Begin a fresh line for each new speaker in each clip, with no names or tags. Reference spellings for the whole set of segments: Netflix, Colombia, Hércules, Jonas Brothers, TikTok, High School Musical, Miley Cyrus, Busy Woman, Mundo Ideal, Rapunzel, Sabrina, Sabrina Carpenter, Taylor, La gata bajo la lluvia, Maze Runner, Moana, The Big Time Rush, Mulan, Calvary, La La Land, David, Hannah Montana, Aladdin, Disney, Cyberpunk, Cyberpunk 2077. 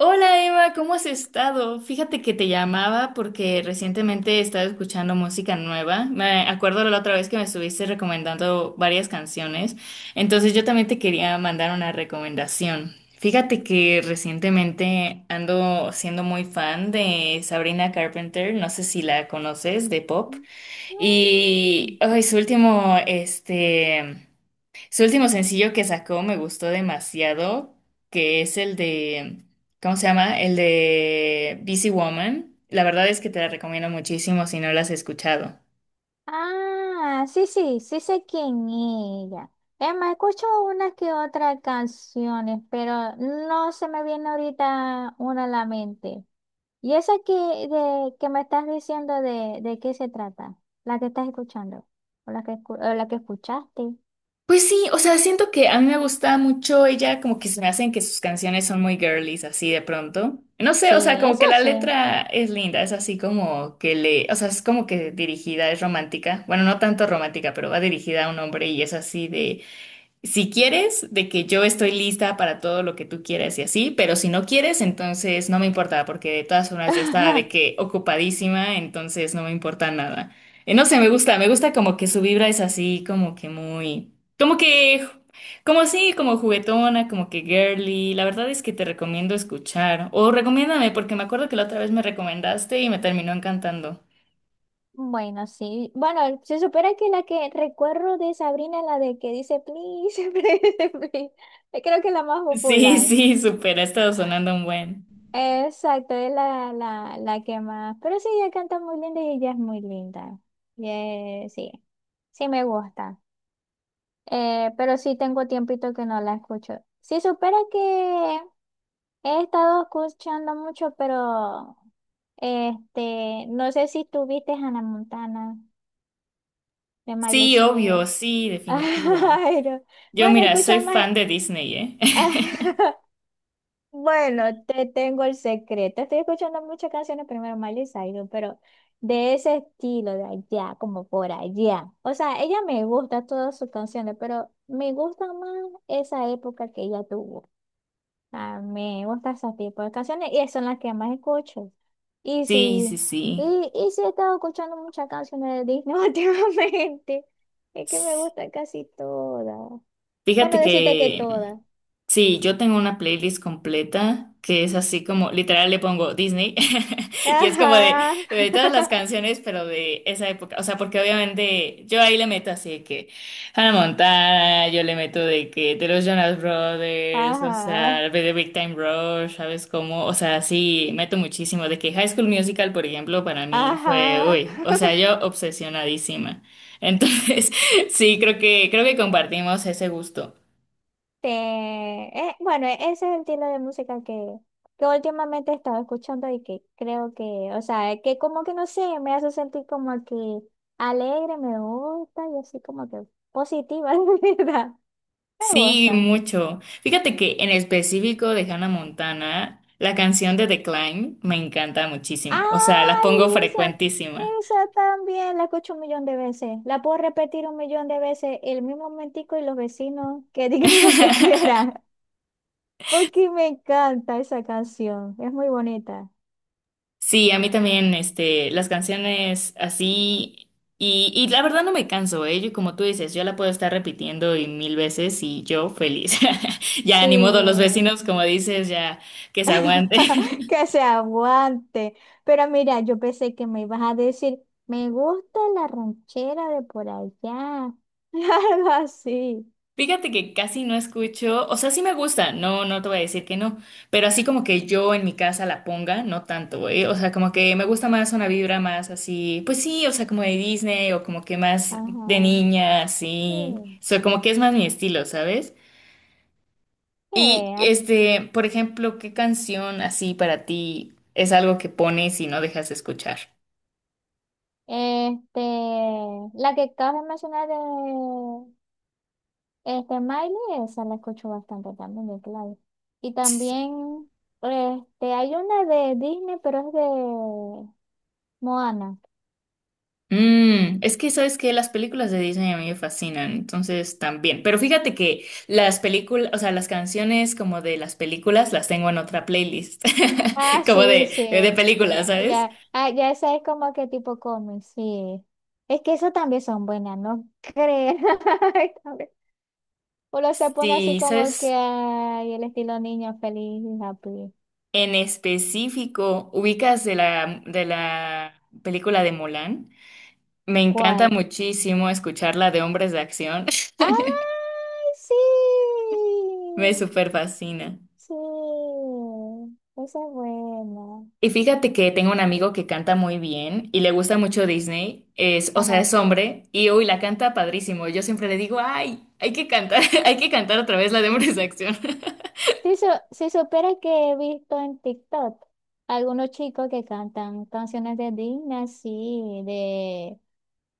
Hola Eva, ¿cómo has estado? Fíjate que te llamaba porque recientemente he estado escuchando música nueva. Me acuerdo la otra vez que me estuviste recomendando varias canciones, entonces yo también te quería mandar una recomendación. Fíjate que recientemente ando siendo muy fan de Sabrina Carpenter, no sé si la conoces, de pop,
Mm.
y ay, su último, su último sencillo que sacó me gustó demasiado, que es el de, ¿cómo se llama? El de Busy Woman. La verdad es que te la recomiendo muchísimo si no la has escuchado.
Ah, sí, sí, sí sé quién es ella. Emma, escucho una que otra canciones, pero no se me viene ahorita una a la mente. ¿Y esa que me estás diciendo de qué se trata? ¿La que estás escuchando? ¿O la que escuchaste?
Pues sí, o sea, siento que a mí me gusta mucho ella, como que se me hacen que sus canciones son muy girlies, así de pronto. No sé,
Sí,
o sea, como
eso
que la
sí.
letra es linda, es así como que le, o sea, es como que dirigida, es romántica. Bueno, no tanto romántica, pero va dirigida a un hombre y es así de... Si quieres, de que yo estoy lista para todo lo que tú quieras y así, pero si no quieres, entonces no me importa, porque de todas formas yo estaba de que ocupadísima, entonces no me importa nada. No sé, me gusta como que su vibra es así, como que muy, como que, como así, como juguetona, como que girly. La verdad es que te recomiendo escuchar, o recomiéndame, porque me acuerdo que la otra vez me recomendaste y me terminó encantando.
Bueno, sí. Bueno, se supera que la que recuerdo de Sabrina es la de que dice please, please, please. Creo que es la más
Sí,
popular.
sí, súper, ha estado sonando un buen.
Exacto, es la que más. Pero sí, ella canta muy linda y ella es muy linda. Y, sí, sí me gusta. Pero sí tengo tiempito que no la escucho. Sí, supera que he estado escuchando mucho, pero no sé si tuviste Hannah Montana de Miley
Sí,
Cyrus.
obvio, sí, definitivo.
Ay, no.
Yo,
Bueno,
mira, soy
escucho más.
fan de Disney, ¿eh?
Bueno, te tengo el secreto. Estoy escuchando muchas canciones, primero Miley Cyrus, pero de ese estilo, de allá, como por allá. O sea, ella me gusta todas sus canciones, pero me gusta más esa época que ella tuvo. Ah, me gusta ese tipo de canciones y son las que más escucho. Y
Sí,
sí,
sí, sí.
y sí he estado escuchando muchas canciones de Disney últimamente. Es que me gusta casi todas. Bueno,
Fíjate
decirte que
que
todas.
Sí, yo tengo una playlist completa que es así como, literal le pongo Disney y es como de,
Ajá,
todas las canciones, pero de esa época. O sea, porque obviamente yo ahí le meto así de que Hannah Montana, yo le meto de que de los Jonas Brothers, o sea,
ajá,
de The Big Time Rush, ¿sabes cómo? O sea, sí, meto muchísimo. De que High School Musical, por ejemplo, para mí fue,
ajá.
uy, o sea, yo obsesionadísima. Entonces, sí, creo que, compartimos ese gusto.
Ese es el estilo de música que últimamente he estado escuchando y que creo que, o sea, que como que no sé, me hace sentir como que alegre, me gusta y así como que positiva, de verdad. Me
Sí,
gusta.
mucho. Fíjate que en específico de Hannah Montana, la canción de Decline me encanta muchísimo. O sea, la
Ay,
pongo
esa,
frecuentísima.
esa también la escucho un millón de veces. La puedo repetir un millón de veces el mismo momentico y los vecinos que digan lo que quieran. Porque me encanta esa canción. Es muy bonita.
Sí, a mí también, este, las canciones así, y la verdad no me canso, ¿eh? Yo, como tú dices, yo la puedo estar repitiendo y mil veces y yo feliz. Ya ni modo, los
Sí.
vecinos, como dices, ya que se aguanten.
Que se aguante. Pero mira, yo pensé que me ibas a decir, me gusta la ranchera de por allá. Algo así.
Fíjate que casi no escucho, o sea, sí me gusta, no, no te voy a decir que no, pero así como que yo en mi casa la ponga, no tanto, ¿eh? O sea, como que me gusta más una vibra más así, pues sí, o sea, como de Disney o como que más de
Ajá.
niña,
Sí.
así, o sea, como que es más mi estilo, ¿sabes?
Sí,
Y
a
este, por ejemplo, ¿qué canción así para ti es algo que pones y no dejas de escuchar?
Este, la que acabas de mencionar de Miley, esa la escucho bastante también de Claudio. Y también, hay una de Disney, pero es de Moana.
Mm, es que sabes que las películas de Disney a mí me fascinan, entonces también. Pero fíjate que las películas, o sea, las canciones como de las películas las tengo en otra playlist,
Ah,
como
sí,
de,
sí.
de películas, ¿sabes?
Ya, ya esa es como que tipo cómic, sí. Es que eso también son buenas, ¿no crees? Ay, también. Uno se pone así
Sí,
como que
sabes,
ay, el estilo niño feliz, happy.
en específico, ubicas de la, película de Mulan. Me encanta
¿Cuál?
muchísimo escucharla de hombres de acción,
¡Ay, sí!
me súper fascina.
Sí, esa es buena.
Y fíjate que tengo un amigo que canta muy bien y le gusta mucho Disney, es, o sea,
Ajá.
es hombre y uy, la canta padrísimo. Yo siempre le digo, ay, hay que cantar, hay que cantar otra vez la de Hombres de Acción.
Si supieras que he visto en TikTok algunos chicos que cantan canciones de Disney, así, de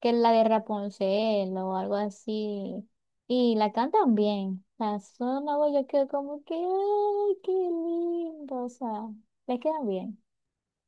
que es la de Rapunzel o algo así, y la cantan bien. La zona, yo quedo como que, ¡ay, qué lindo! O sea, les quedan bien.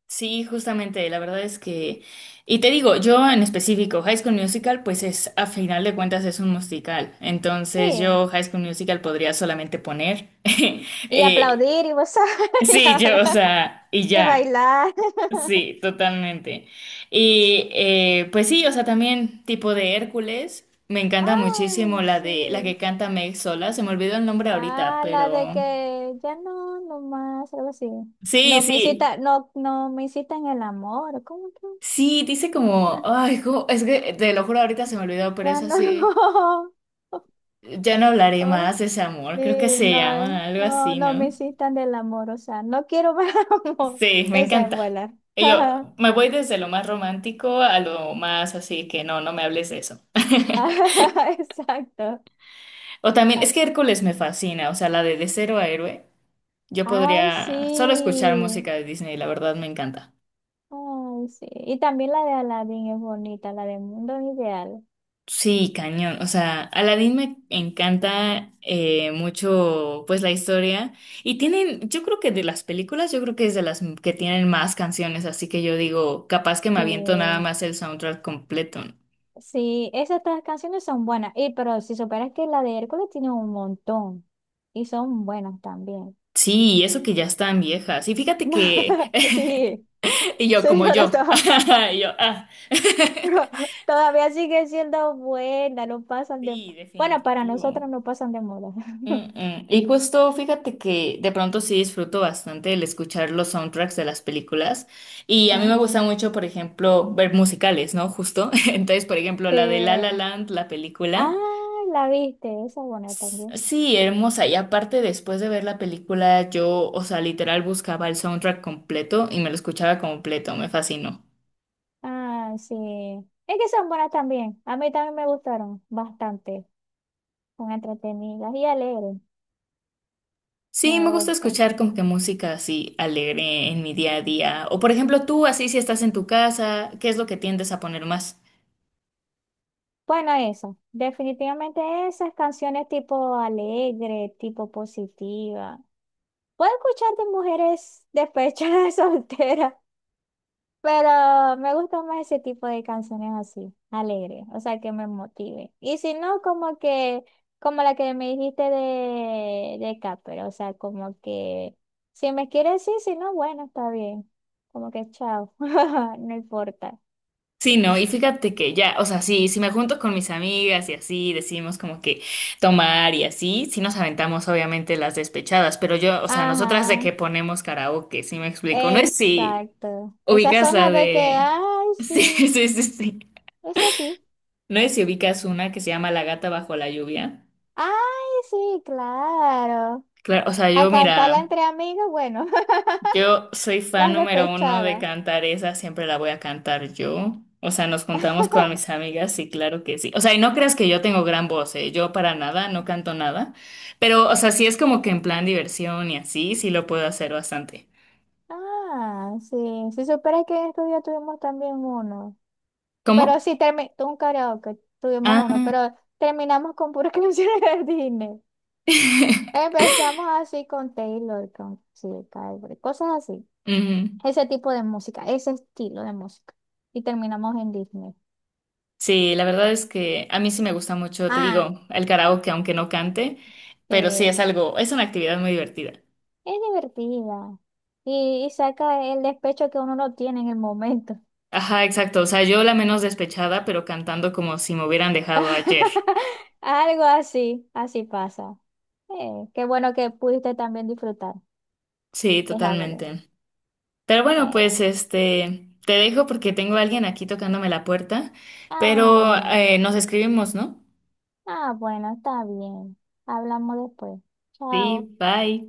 Sí, justamente, la verdad es que, y te digo, yo en específico, High School Musical, pues es, a final de cuentas es un musical, entonces
Sí.
yo High School Musical podría solamente poner,
Y
eh,
aplaudir y, vos sabés,
sí, yo, o sea, y
y
ya.
bailar.
Sí, totalmente. Y pues sí, o sea, también tipo de Hércules. Me encanta muchísimo
Ay,
la de la que
sí.
canta Meg sola. Se me olvidó el nombre ahorita,
Ah, la de
pero
que ya no, no más, algo así.
sí,
No me
sí.
incita, no me incita el amor. ¿Cómo que?
Sí, dice como,
Ya,
ay, es que te lo juro, ahorita se me olvidó, pero
ya
es así.
no.
Ya no hablaré
Oh,
más de ese amor. Creo que
sí,
se
no,
llama algo
no,
así,
no me
¿no?
incitan del amor, o sea, no quiero ver amor.
Sí, me
Esa es
encanta.
buena.
Y yo me voy desde lo más romántico a lo más así que no, no me hables de eso.
Exacto.
O también, es
Ay,
que Hércules me fascina, o sea, la de cero a héroe. Yo
ay,
podría solo escuchar
sí.
música de Disney, la verdad me encanta.
Ay, sí. Y también la de Aladdin es bonita, la de Mundo Ideal.
Sí, cañón. O sea, Aladdin me encanta mucho, pues la historia. Y tienen, yo creo que de las películas, yo creo que es de las que tienen más canciones, así que yo digo, capaz que me aviento nada
Sí.
más el soundtrack completo.
Sí, esas tres canciones son buenas. Y pero si superas que la de Hércules tiene un montón. Y son buenas también.
Sí, y eso que ya están viejas. Y fíjate que,
Sí,
y yo como
señora,
yo, y yo, ah.
todavía sigue siendo buena, no pasan de...
Sí,
Bueno, para
definitivo.
nosotros no pasan de moda.
Mm, mm. Y justo fíjate que de pronto sí disfruto bastante el escuchar los soundtracks de las películas y a mí me
Ajá.
gusta mucho, por ejemplo, ver musicales, ¿no? Justo. Entonces, por ejemplo, la de La La
Sí.
Land, la
Ah,
película.
la viste, esa es buena también.
Sí, hermosa. Y aparte, después de ver la película, yo, o sea, literal buscaba el soundtrack completo y me lo escuchaba completo. Me fascinó.
Ah, sí. Es que son buenas también. A mí también me gustaron bastante. Son entretenidas y alegres.
Sí,
Me
me gusta
gusta.
escuchar como que música así alegre en mi día a día. O por ejemplo, tú así si estás en tu casa, ¿qué es lo que tiendes a poner más?
Bueno, eso, definitivamente esas canciones tipo alegre, tipo positiva. Puedo escuchar de mujeres despechadas solteras, pero me gusta más ese tipo de canciones así, alegres, o sea, que me motive. Y si no, como que, como la que me dijiste de Capper, o sea, como que, si me quieres sí, si no, bueno, está bien. Como que chao, no importa.
Sí, no, y fíjate que ya, o sea, sí, si me junto con mis amigas y así, decidimos como que tomar y así, sí nos aventamos obviamente las despechadas, pero yo, o sea, nosotras de
Ajá.
que ponemos karaoke, sí me explico, no es si
Exacto. Esas
ubicas
son
la
las de que,
de...
ay,
Sí,
sí,
sí, sí, sí,
es así.
no es si ubicas una que se llama La gata bajo la lluvia,
Ay, sí, claro.
claro, o sea,
A
yo
cantarla
mira...
entre amigos, bueno,
Yo soy fan
las
número uno de
despechadas.
cantar esa, siempre la voy a cantar yo. O sea, nos juntamos con mis amigas y claro que sí. O sea, y no creas que yo tengo gran voz, ¿eh? Yo para nada, no canto nada. Pero, o sea, sí es como que en plan diversión y así, sí lo puedo hacer bastante.
Ah, sí. Si supieras que en estos días tuvimos también uno. Pero
¿Cómo?
sí, un karaoke, tuvimos uno,
Ah.
pero terminamos con puras canciones de Disney. Empezamos así con Taylor, con sí, Calvary, cosas así.
Ujú.
Ese tipo de música, ese estilo de música. Y terminamos en Disney.
Sí, la verdad es que a mí sí me gusta mucho, te
Ah,
digo, el karaoke, aunque no cante, pero sí
eh,
es algo, es una actividad muy divertida.
es divertida. Y saca el despecho que uno no tiene en el momento.
Ajá, exacto. O sea, yo la menos despechada, pero cantando como si me hubieran dejado ayer.
Algo así, así pasa. Qué bueno que pudiste también disfrutar.
Sí,
Es algo.
totalmente. Pero
de-
bueno, pues
Eh.
este, te dejo porque tengo a alguien aquí tocándome la puerta, pero
Ah,
nos escribimos, ¿no?
bueno, está bien. Hablamos después.
Sí,
Chao.
bye.